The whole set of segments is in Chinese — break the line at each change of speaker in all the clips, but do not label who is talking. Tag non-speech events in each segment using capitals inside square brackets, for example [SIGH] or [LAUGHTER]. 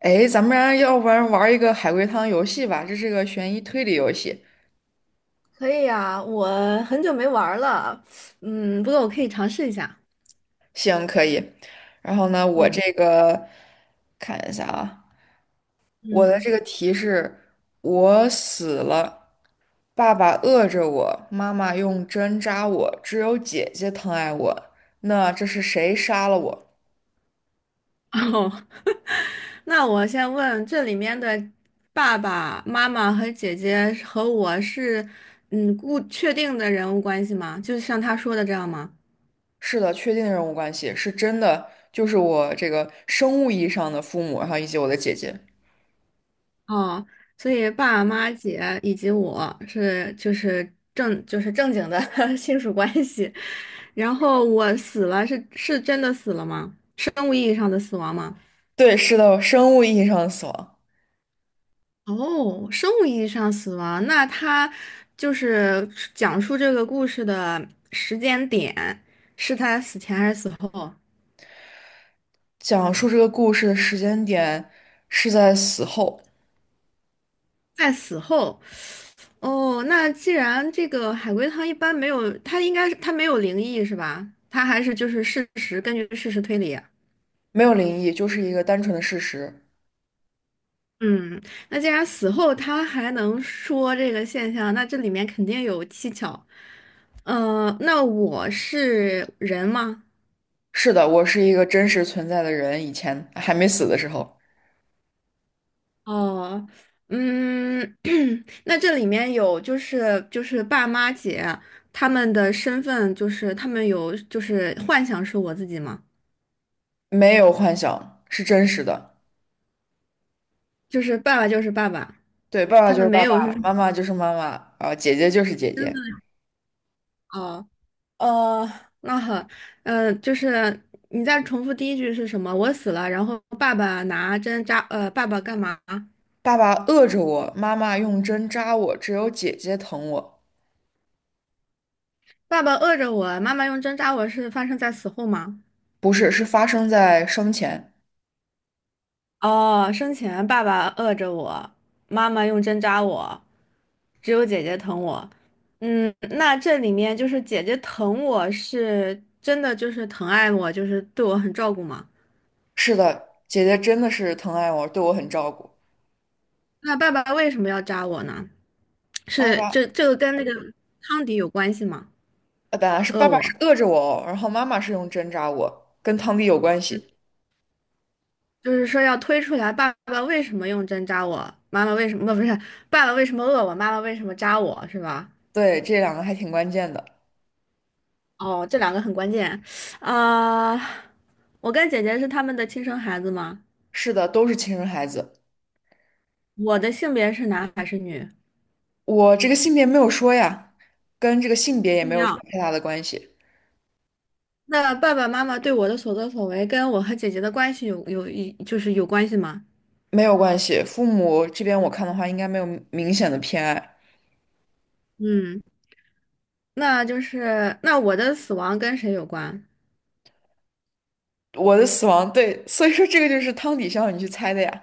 哎，咱们俩要不然玩一个海龟汤游戏吧，这是个悬疑推理游戏。
可以呀，我很久没玩儿了，不过我可以尝试一下。
行，可以。然后呢，我
嗯
这个看一下啊，我的
嗯，
这个题是：我死了，爸爸饿着我，妈妈用针扎我，只有姐姐疼爱我。那这是谁杀了我？
[LAUGHS] 哦，那我先问，这里面的爸爸妈妈和姐姐和我是确定的人物关系吗？就是像他说的这样吗？
是的，确定人物关系是真的，就是我这个生物意义上的父母，然后以及我的姐姐。
哦，所以爸爸妈妈姐以及我是就是正就是正经的 [LAUGHS] 亲属关系，然后我死了是真的死了吗？生物意义上的死亡吗？
对，是的，生物意义上的死亡。
哦，生物意义上死亡，那他就是讲述这个故事的时间点，是他死前还是死后？
讲述这个故事的时间点是在死后，
在死后。哦，那既然这个海龟汤一般没有，它应该是它没有灵异是吧？它还是就是事实，根据事实推理啊。
没有灵异，就是一个单纯的事实。
嗯，那既然死后他还能说这个现象，那这里面肯定有蹊跷。那我是人吗？
是的，我是一个真实存在的人，以前还没死的时候，
哦，嗯，[CLEARS THROAT] 那这里面有就是爸妈姐他们的身份，就是他们有就是幻想是我自己吗？
没有幻想，是真实的。
就是爸爸就是爸爸，
对，爸爸
他
就
们
是爸
没有就
爸，
是
妈妈就是妈妈，啊，姐姐就是姐
身
姐。
份哦哦，那好，呃，就是你再重复第一句是什么？我死了，然后爸爸拿针扎，爸爸干嘛？
爸爸饿着我，妈妈用针扎我，只有姐姐疼我。
爸爸饿着我，妈妈用针扎我是发生在死后吗？
不是，是发生在生前。
哦，生前爸爸饿着我，妈妈用针扎我，只有姐姐疼我。嗯，那这里面就是姐姐疼我是真的就是疼爱我，就是对我很照顾吗？
是的，姐姐真的是疼爱我，对我很照顾。
那爸爸为什么要扎我呢？
爸
是
爸。
这个跟那个汤底有关系吗？
啊，本来是
饿
爸爸是
我，
饿着我哦，然后妈妈是用针扎我，跟汤底有关系。
就是说要推出来爸爸为什么用针扎我，妈妈为什么不不是爸爸为什么饿我，妈妈为什么扎我是吧？
对，这两个还挺关键的。
哦，这两个很关键啊，我跟姐姐是他们的亲生孩子吗？
是的，都是亲生孩子。
我的性别是男还是女？
我这个性别没有说呀，跟这个性别也没
重
有什
要。
么太大的关系，
那爸爸妈妈对我的所作所为跟我和姐姐的关系有有一就是有关系吗？
没有关系。父母这边我看的话，应该没有明显的偏爱。
嗯，那我的死亡跟谁有关？
我的死亡，对，所以说这个就是汤底需要你去猜的呀。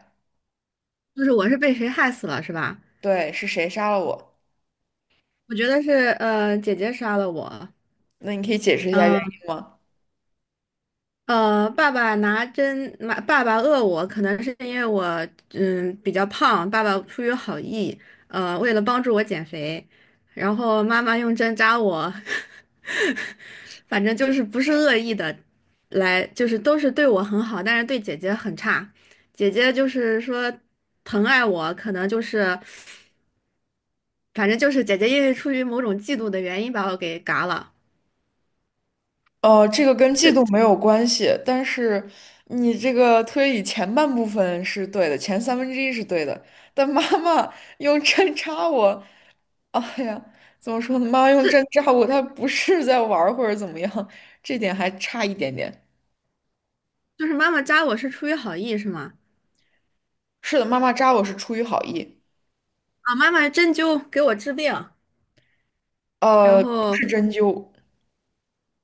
就是我是被谁害死了是吧？
对，是谁杀了我？
我觉得是姐姐杀了我，
那你可以解释一下原
嗯。
因吗？
爸爸拿针，妈，爸爸饿我，可能是因为我比较胖，爸爸出于好意，为了帮助我减肥，然后妈妈用针扎我，[LAUGHS] 反正就是不是恶意的，来就是都是对我很好，但是对姐姐很差，姐姐就是说疼爱我，可能就是反正就是姐姐因为出于某种嫉妒的原因把我给嘎了，
这个跟季度
这
没有关系，但是你这个推理前半部分是对的，前三分之一是对的，但妈妈用针扎我，哎呀，怎么说呢？妈妈用针
这
扎我，她不是在玩儿或者怎么样，这点还差一点点。
就是妈妈扎我是出于好意是吗？
是的，妈妈扎我是出于好意，
啊，妈妈针灸给我治病，然
不
后
是针灸，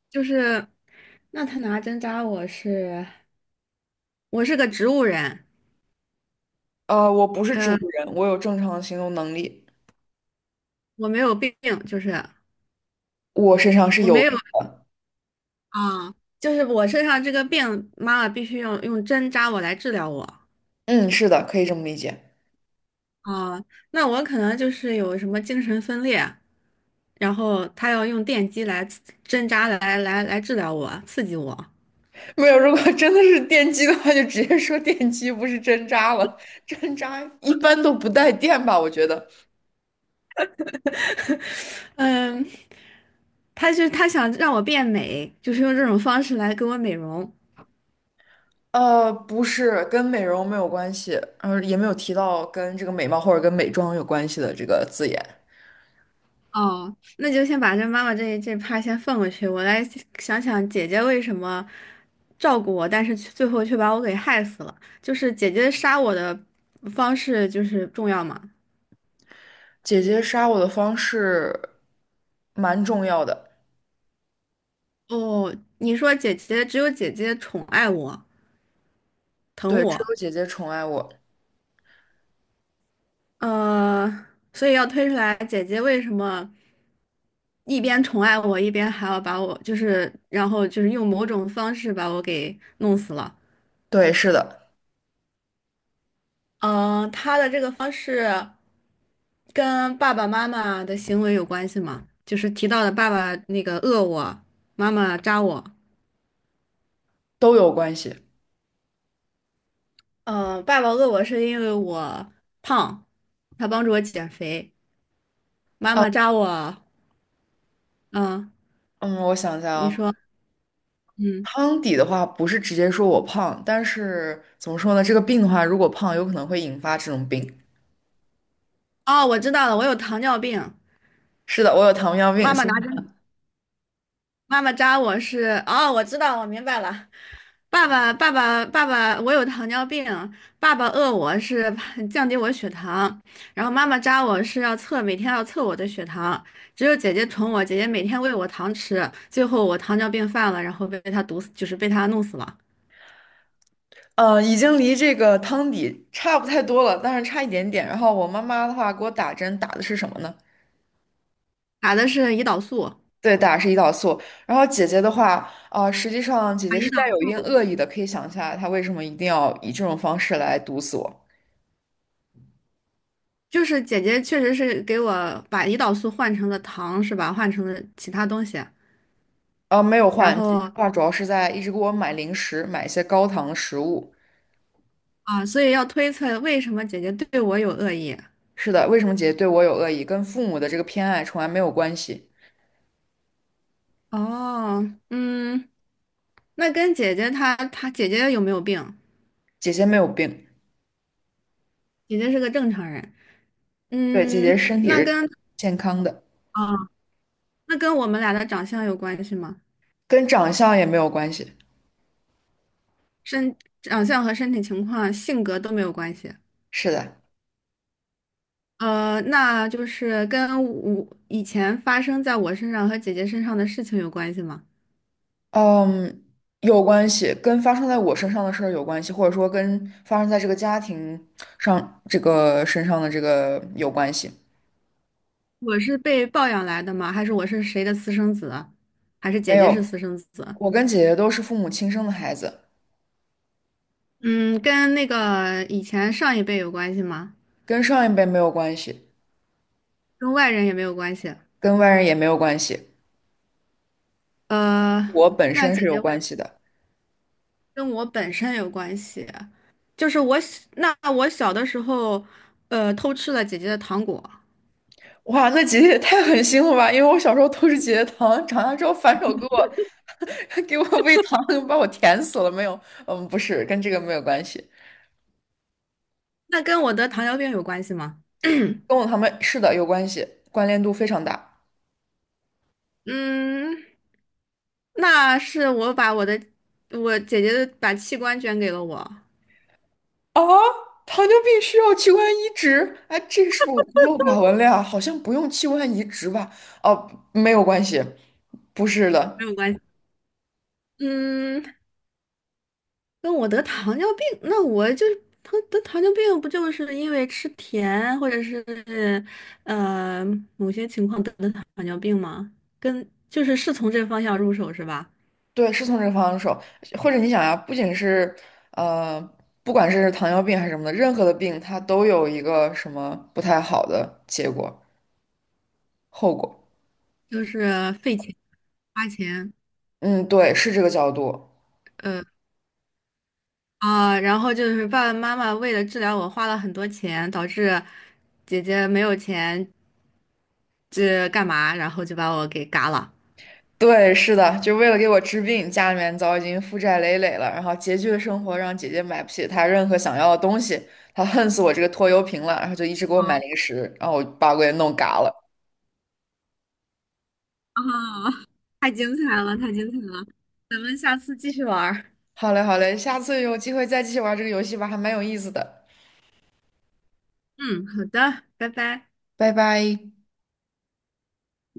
就是，那他拿针扎我是，我是个植物人，
我不是植
呃，
物人，我有正常的行动能力，
我没有病，就是
我身上是
我没
有
有
病。
啊，就是我身上这个病，妈妈必须用针扎我来治疗我
嗯，是的，可以这么理解。
啊，那我可能就是有什么精神分裂，然后他要用电击针扎来治疗我，刺激我，
[LAUGHS] 没有，如果 [LAUGHS] 真的是电击的话，就直接说电击，不是针扎了。针扎一般都不带电吧？我觉得，
[LAUGHS] 嗯，他就他想让我变美，就是用这种方式来给我美容。
不是，跟美容没有关系，也没有提到跟这个美貌或者跟美妆有关系的这个字眼。
哦，那就先把这妈妈这趴先放过去，我来想想姐姐为什么照顾我，但是却最后却把我给害死了。就是姐姐杀我的方式就是重要嘛。
姐姐杀我的方式蛮重要的，
哦，你说姐姐只有姐姐宠爱我、疼
对，只
我，
有姐姐宠爱我，
呃，所以要推出来姐姐为什么一边宠爱我，一边还要把我就是，然后就是用某种方式把我给弄死了。
对，是的，
嗯，他的这个方式跟爸爸妈妈的行为有关系吗？就是提到的爸爸那个饿我，妈妈扎我。
都有关系。
嗯，爸爸饿我是因为我胖，他帮助我减肥。妈
啊，
妈扎我，嗯，
嗯，我想一下
你
啊。
说，嗯，
胖底的话，不是直接说我胖，但是怎么说呢？这个病的话，如果胖，有可能会引发这种病。
哦，我知道了，我有糖尿病。
是的，我有糖尿病，
妈妈
所以
拿针妈妈扎我是，哦，我知道，我明白了。爸爸，我有糖尿病，爸爸饿我是 [LAUGHS] 降低我血糖，然后妈妈扎我是要测，每天要测我的血糖。只有姐姐宠我，姐姐每天喂我糖吃，最后我糖尿病犯了，然后被她毒死，就是被她弄死了。
已经离这个汤底差不太多了，但是差一点点。然后我妈妈的话给我打针，打的是什么呢？
打的是胰岛素，
对，打的是胰岛素。然后姐姐的话，啊、实际上姐
把
姐
胰
是带
岛
有一定恶意的，可以想一下来她为什么一定要以这种方式来毒死我。
就是姐姐确实是给我把胰岛素换成了糖，是吧？换成了其他东西，
啊，没有
然
换，姐姐
后
的话主要是在一直给我买零食，买一些高糖的食物。
啊，所以要推测为什么姐姐对我有恶意。
是的，为什么姐姐对我有恶意，跟父母的这个偏爱从来没有关系。
哦，嗯，那跟姐姐她她姐姐有没有病？
姐姐没有病，
姐姐是个正常人。
对，姐姐
嗯，
身体
那
是
跟
健康的。
啊，那跟我们俩的长相有关系吗？
跟长相也没有关系。
身长相和身体情况、性格都没有关系。
是的，
呃，那就是跟我以前发生在我身上和姐姐身上的事情有关系吗？
嗯，有关系，跟发生在我身上的事儿有关系，或者说跟发生在这个家庭上这个身上的这个有关系。
我是被抱养来的吗？还是我是谁的私生子？还是姐
没有，
姐是
嗯
私生子？
我跟姐姐都是父母亲生的孩子，
嗯，跟那个以前上一辈有关系吗？
跟上一辈没有关系，
跟外人也没有关系。
跟外人也没有关系，
呃，
我本
那
身
姐
是有
姐为什
关
么
系的。
跟我本身有关系，就是我小的时候，偷吃了姐姐的糖果，
哇，那姐姐也太狠心了吧！因为我小时候偷吃姐姐糖，长大之后反手给我 [LAUGHS] 给我喂糖，把我甜死了。没有，嗯，不是，跟这个没有关系。
那跟我得糖尿病有关系吗？
跟我他们是的有关系，关联度非常大。
嗯，那是我姐姐的把器官捐给了我，
啊，糖尿病需要器官移植？哎，这是不是我孤陋寡文了呀？好像不用器官移植吧？哦，没有关系，不是的，
没有关系。嗯，跟我得糖尿病，那我就是得糖尿病，不就是因为吃甜或者是呃某些情况得的糖尿病吗？跟就是是从这方向入手是吧？
对，是从这个方向说。或者你想呀，不仅是呃，不管是糖尿病还是什么的，任何的病它都有一个什么不太好的结果后果。
就是费钱花钱，
嗯，对，是这个角度。
呃啊，然后就是爸爸妈妈为了治疗我花了很多钱，导致姐姐没有钱这干嘛，然后就把我给嘎了。
对，是的，就为了给我治病，家里面早已经负债累累了，然后拮据的生活让姐姐买不起她任何想要的东西，她恨死我这个拖油瓶了，然后就一直给我买零食，然后我把我给弄嘎了。
啊，太精彩了，太精彩了，咱们下次继续玩儿
好嘞，好嘞，下次有机会再继续玩这个游戏吧，还蛮有意思的，
嗯，好的，拜拜。
拜拜。